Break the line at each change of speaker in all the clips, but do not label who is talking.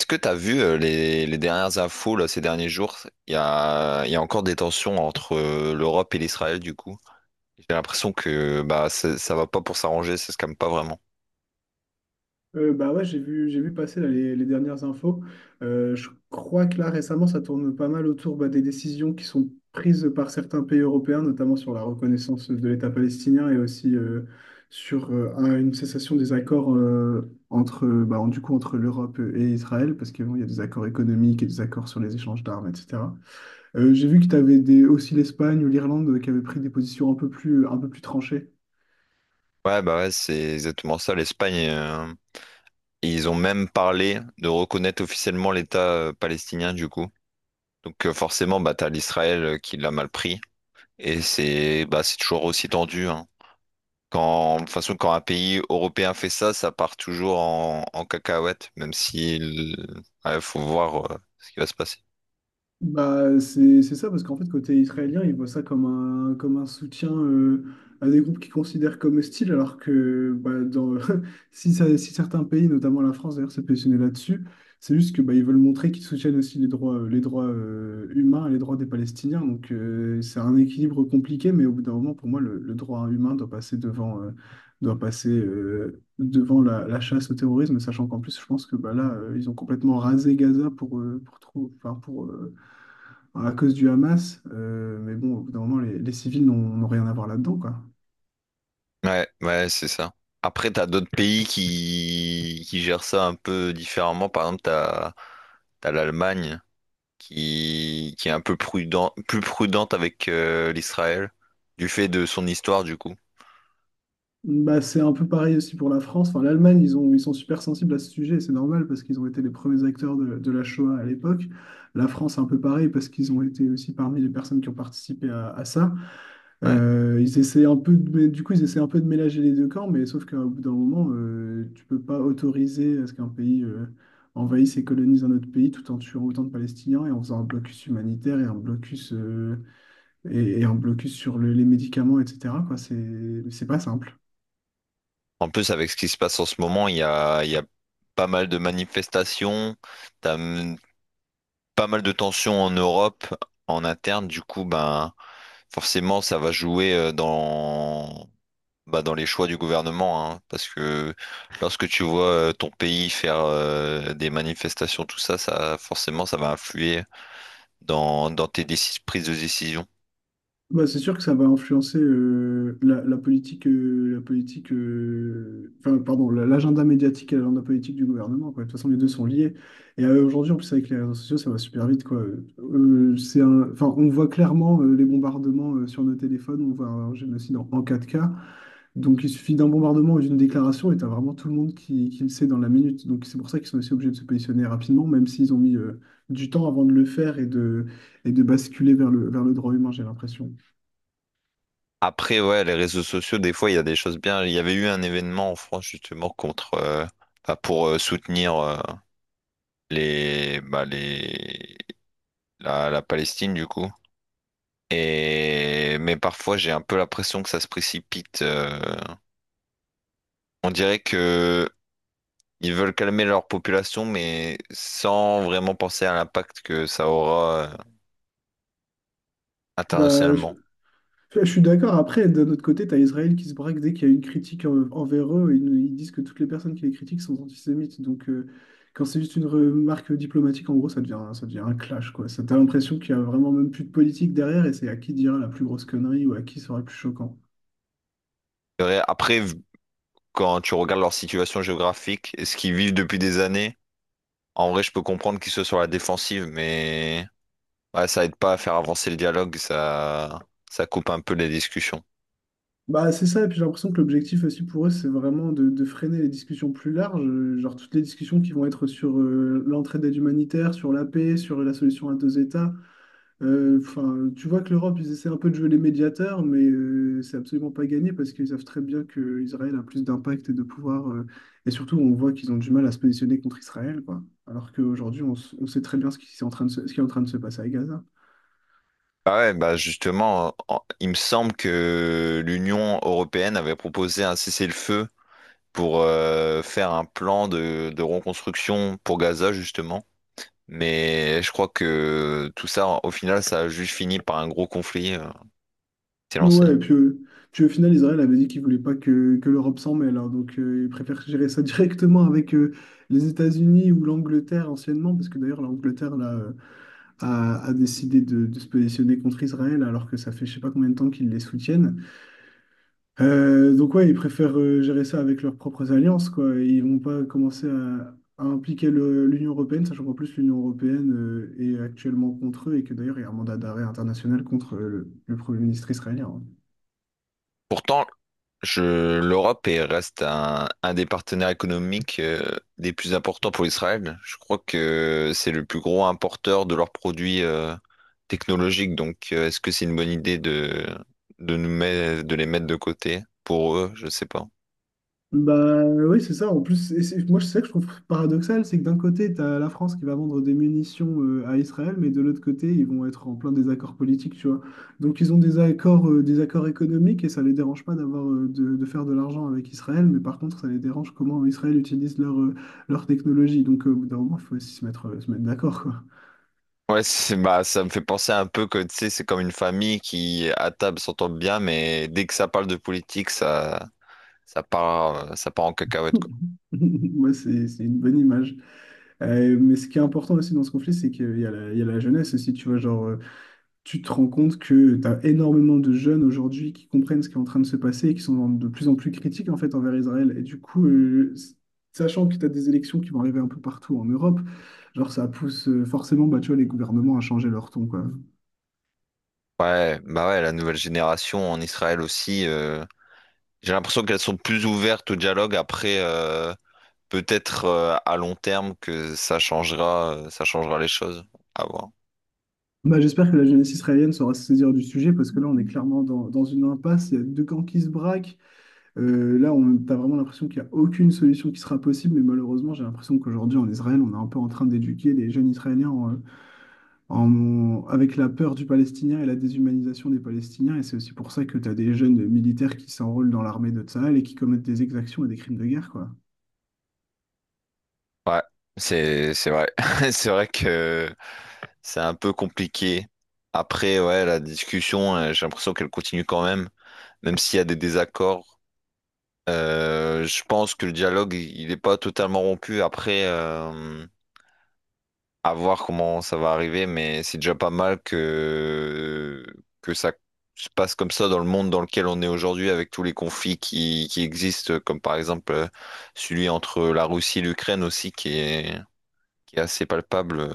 Est-ce que tu as vu les dernières infos là, ces derniers jours? Il y a encore des tensions entre l'Europe et l'Israël du coup. J'ai l'impression que bah ça va pas pour s'arranger, ça se calme pas vraiment.
Bah ouais, j'ai vu passer là, les dernières infos. Je crois que là, récemment, ça tourne pas mal autour bah, des décisions qui sont prises par certains pays européens, notamment sur la reconnaissance de l'État palestinien et aussi sur une cessation des accords entre, bah, du coup, entre l'Europe et Israël, parce qu'il y a des accords économiques et des accords sur les échanges d'armes, etc. J'ai vu que tu avais des, aussi l'Espagne ou l'Irlande qui avaient pris des positions un peu plus tranchées.
Ouais bah ouais, c'est exactement ça. L'Espagne, ils ont même parlé de reconnaître officiellement l'État palestinien du coup. Donc forcément bah t'as l'Israël qui l'a mal pris et c'est toujours aussi tendu, hein. Quand, de toute façon, quand un pays européen fait ça, ça part toujours en cacahuète, même si il ouais, faut voir ce qui va se passer.
Bah, c'est ça, parce qu'en fait, côté israélien, ils voient ça comme un soutien à des groupes qu'ils considèrent comme hostiles, alors que bah, si certains pays, notamment la France d'ailleurs, s'est positionnée là-dessus, c'est juste que bah, ils veulent montrer qu'ils soutiennent aussi les droits humains, et les droits des Palestiniens. Donc, c'est un équilibre compliqué, mais au bout d'un moment, pour moi, le droit humain doit passer devant la chasse au terrorisme, sachant qu'en plus, je pense que bah, là, ils ont complètement rasé Gaza pour, trou- enfin, pour, Enfin, à cause du Hamas. Mais bon, au bout d'un moment, les civils n'ont rien à voir là-dedans, quoi.
Ouais, ouais, c'est ça. Après, t'as d'autres pays qui gèrent ça un peu différemment. Par exemple, t'as l'Allemagne qui est un peu plus prudente avec l'Israël, du fait de son histoire, du coup.
Bah, c'est un peu pareil aussi pour la France. Enfin, l'Allemagne, ils sont super sensibles à ce sujet, et c'est normal parce qu'ils ont été les premiers acteurs de la Shoah à l'époque. La France, un peu pareil parce qu'ils ont été aussi parmi les personnes qui ont participé à ça.
Ouais.
Ils essaient un peu de, Mais du coup, ils essaient un peu de mélanger les deux camps, mais sauf qu'au bout d'un moment, tu peux pas autoriser à ce qu'un pays envahisse et colonise un autre pays tout en tuant autant de Palestiniens et en faisant un blocus humanitaire et un blocus et un blocus sur les médicaments, etc., quoi, c'est pas simple.
En plus, avec ce qui se passe en ce moment, il y a pas mal de manifestations, t'as pas mal de tensions en Europe, en interne. Du coup, ben, forcément, ça va jouer dans, bah, dans les choix du gouvernement, hein, parce que lorsque tu vois ton pays faire des manifestations, tout ça, ça, forcément, ça va influer dans, dans tes prises de décision.
Bah, c'est sûr que ça va influencer la politique, enfin, pardon, l'agenda médiatique et l'agenda politique du gouvernement, quoi. De toute façon, les deux sont liés. Et aujourd'hui, en plus, avec les réseaux sociaux, ça va super vite, quoi. Enfin, on voit clairement les bombardements sur nos téléphones, on voit un génocide en 4K. Donc il suffit d'un bombardement ou d'une déclaration et t'as vraiment tout le monde qui le sait dans la minute. Donc c'est pour ça qu'ils sont aussi obligés de se positionner rapidement, même s'ils ont mis du temps avant de le faire et de basculer vers le droit humain, j'ai l'impression.
Après, ouais, les réseaux sociaux, des fois, il y a des choses bien. Il y avait eu un événement en France, justement, enfin, pour soutenir les, bah, les, la, la Palestine du coup. Et, mais parfois j'ai un peu l'impression que ça se précipite. On dirait que ils veulent calmer leur population, mais sans vraiment penser à l'impact que ça aura
Bah,
internationalement.
je suis d'accord. Après, d'un autre côté, t'as Israël qui se braque dès qu'il y a une critique envers eux. Ils disent que toutes les personnes qui les critiquent sont antisémites. Donc quand c'est juste une remarque diplomatique, en gros, ça devient un clash, quoi. Ça, t'as l'impression qu'il y a vraiment même plus de politique derrière et c'est à qui dira la plus grosse connerie ou à qui sera le plus choquant.
C'est vrai. Après, quand tu regardes leur situation géographique et ce qu'ils vivent depuis des années, en vrai, je peux comprendre qu'ils soient sur la défensive, mais ouais, ça aide pas à faire avancer le dialogue, ça coupe un peu les discussions.
Bah, c'est ça, et puis j'ai l'impression que l'objectif aussi pour eux, c'est vraiment de freiner les discussions plus larges, genre toutes les discussions qui vont être sur l'entraide aide humanitaire, sur la paix, sur la solution à deux États. Enfin, tu vois que l'Europe, ils essaient un peu de jouer les médiateurs, mais c'est absolument pas gagné parce qu'ils savent très bien que Israël a plus d'impact et de pouvoir. Et surtout, on voit qu'ils ont du mal à se positionner contre Israël, quoi. Alors qu'aujourd'hui, on sait très bien ce qui est en train de se passer à Gaza.
Bah ouais, bah justement, il me semble que l'Union européenne avait proposé un cessez-le-feu pour faire un plan de reconstruction pour Gaza, justement. Mais je crois que tout ça, au final, ça a juste fini par un gros conflit qui s'est lancé.
Ouais, et puis, au final, Israël avait dit qu'il voulait pas que l'Europe s'en mêle. Hein. Donc, il préfère gérer ça directement avec les États-Unis ou l'Angleterre anciennement, parce que d'ailleurs, l'Angleterre là, a décidé de se positionner contre Israël, alors que ça fait je sais pas combien de temps qu'ils les soutiennent. Donc ouais, ils préfèrent gérer ça avec leurs propres alliances, quoi. Ils vont pas commencer à impliquer l'Union européenne, sachant qu'en plus l'Union européenne est actuellement contre eux et que d'ailleurs il y a un mandat d'arrêt international contre le Premier ministre israélien. Hein.
Pourtant, je, l'Europe reste un des partenaires économiques des plus importants pour Israël. Je crois que c'est le plus gros importeur de leurs produits technologiques. Donc, est-ce que c'est une bonne idée de, de les mettre de côté pour eux? Je sais pas.
Bah oui, c'est ça. En plus, et moi, c'est ça que je trouve paradoxal, c'est que d'un côté, tu as la France qui va vendre des munitions à Israël, mais de l'autre côté, ils vont être en plein désaccord politique, tu vois. Donc, ils ont des accords économiques et ça les dérange pas d'avoir de faire de l'argent avec Israël, mais par contre, ça les dérange comment Israël utilise leur technologie. Donc, au bout d'un moment, il faut aussi se mettre d'accord, quoi.
Ouais, c'est, bah, ça me fait penser un peu que, tu sais, c'est comme une famille qui, à table, s'entend bien, mais dès que ça parle de politique, ça, ça part en cacahuète, quoi.
Moi, c'est une bonne image. Mais ce qui est important aussi dans ce conflit, c'est qu'il y a la, jeunesse aussi, tu vois, genre. Tu te rends compte que tu as énormément de jeunes aujourd'hui qui comprennent ce qui est en train de se passer et qui sont de plus en plus critiques en fait envers Israël. Et du coup, sachant que tu as des élections qui vont arriver un peu partout en Europe, genre ça pousse forcément bah, tu vois, les gouvernements à changer leur ton, quoi.
Ouais, bah ouais, la nouvelle génération en Israël aussi. J'ai l'impression qu'elles sont plus ouvertes au dialogue. Après, peut-être à long terme que ça changera les choses. À voir.
Bah, j'espère que la jeunesse israélienne saura se saisir du sujet parce que là, on est clairement dans une impasse. Il y a deux camps qui se braquent. Là, t'as vraiment l'impression qu'il n'y a aucune solution qui sera possible, mais malheureusement, j'ai l'impression qu'aujourd'hui, en Israël, on est un peu en train d'éduquer les jeunes Israéliens avec la peur du Palestinien et la déshumanisation des Palestiniens. Et c'est aussi pour ça que tu as des jeunes militaires qui s'enrôlent dans l'armée de Tsahal et qui commettent des exactions et des crimes de guerre, quoi.
Ouais, c'est vrai. C'est vrai que c'est un peu compliqué. Après, ouais, la discussion, j'ai l'impression qu'elle continue quand même, même s'il y a des désaccords. Je pense que le dialogue, il n'est pas totalement rompu. Après, à voir comment ça va arriver, mais c'est déjà pas mal que ça se passe comme ça dans le monde dans lequel on est aujourd'hui, avec tous les conflits qui existent, comme par exemple celui entre la Russie et l'Ukraine aussi, qui est assez palpable.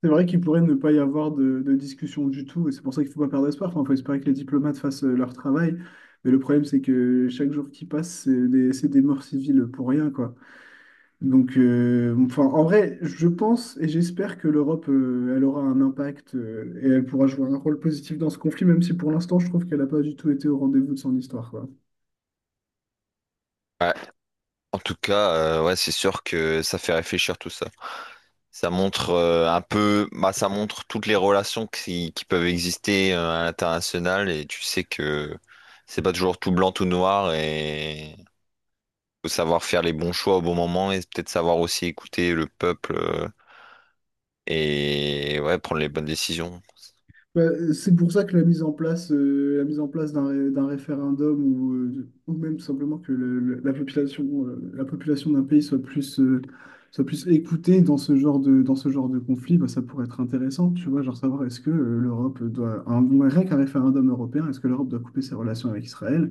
C'est vrai qu'il pourrait ne pas y avoir de discussion du tout, et c'est pour ça qu'il ne faut pas perdre espoir. Enfin, il faut espérer que les diplomates fassent leur travail. Mais le problème, c'est que chaque jour qui passe, c'est des morts civiles pour rien, quoi. Donc, enfin, en vrai, je pense et j'espère que l'Europe, elle aura un impact et elle pourra jouer un rôle positif dans ce conflit, même si pour l'instant, je trouve qu'elle n'a pas du tout été au rendez-vous de son histoire, quoi.
Ouais. En tout cas, ouais, c'est sûr que ça fait réfléchir tout ça. Ça montre un peu, bah, ça montre toutes les relations qui peuvent exister à l'international, et tu sais que c'est pas toujours tout blanc, tout noir, et faut savoir faire les bons choix au bon moment et peut-être savoir aussi écouter le peuple et ouais, prendre les bonnes décisions.
Bah, c'est pour ça que la mise en place d'un référendum ou même tout simplement que la population d'un pays soit plus écoutée dans ce genre de conflit, bah, ça pourrait être intéressant, tu vois, genre savoir est-ce que l'Europe doit, un, rien qu'un référendum européen, est-ce que l'Europe doit couper ses relations avec Israël?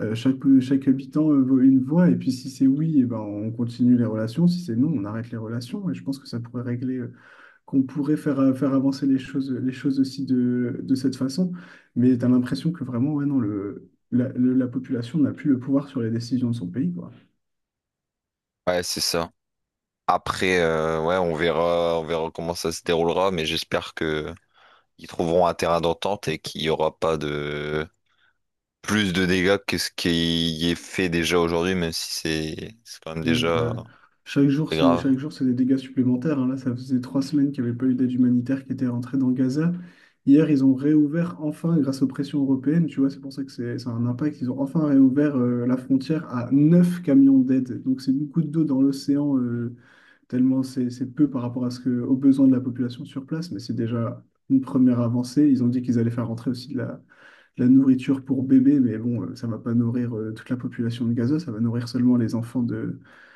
Euh, chaque, Chaque habitant vaut une voix, et puis si c'est oui, eh ben, on continue les relations, si c'est non, on arrête les relations, et je pense que ça pourrait régler, qu'on pourrait faire, faire avancer les choses, aussi de cette façon, mais tu as l'impression que vraiment, ouais, non, la population n'a plus le pouvoir sur les décisions de son pays, quoi.
Ouais, c'est ça. Après, ouais, on verra comment ça se déroulera, mais j'espère que ils trouveront un terrain d'entente et qu'il n'y aura pas de plus de dégâts que ce qui est fait déjà aujourd'hui, même si c'est quand même
Mm,
déjà
ouais.
très grave.
Chaque jour, c'est des dégâts supplémentaires. Hein. Là, ça faisait 3 semaines qu'il n'y avait pas eu d'aide humanitaire qui était rentrée dans Gaza. Hier, ils ont réouvert enfin grâce aux pressions européennes. Tu vois, c'est pour ça que c'est ça a un impact. Ils ont enfin réouvert la frontière à neuf camions d'aide. Donc, c'est beaucoup d'eau dans l'océan, tellement c'est peu par rapport aux besoins de la population sur place. Mais c'est déjà une première avancée. Ils ont dit qu'ils allaient faire rentrer aussi de la nourriture pour bébés. Mais bon, ça ne va pas nourrir toute la population de Gaza. Ça va nourrir seulement les enfants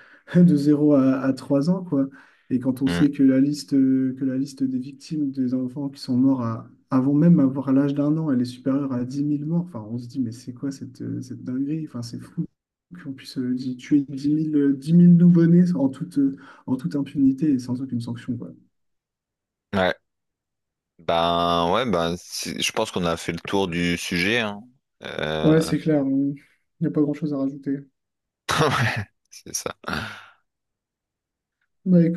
de zéro à 3 ans, quoi. Et quand on
Hmm.
sait que la liste des victimes des enfants qui sont morts avant même avoir l'âge d'un an, elle est supérieure à 10 000 morts, enfin, on se dit, mais c'est quoi cette dinguerie? Enfin, c'est fou qu'on puisse tuer 10 000 10 000 nouveau-nés en toute impunité et sans aucune sanction, quoi.
Ouais. Ben ouais, ben je pense qu'on a fait le tour du sujet, hein. Euh,
Ouais, c'est clair, il n'y a pas grand-chose à rajouter.
ouais, c'est ça.
Bah,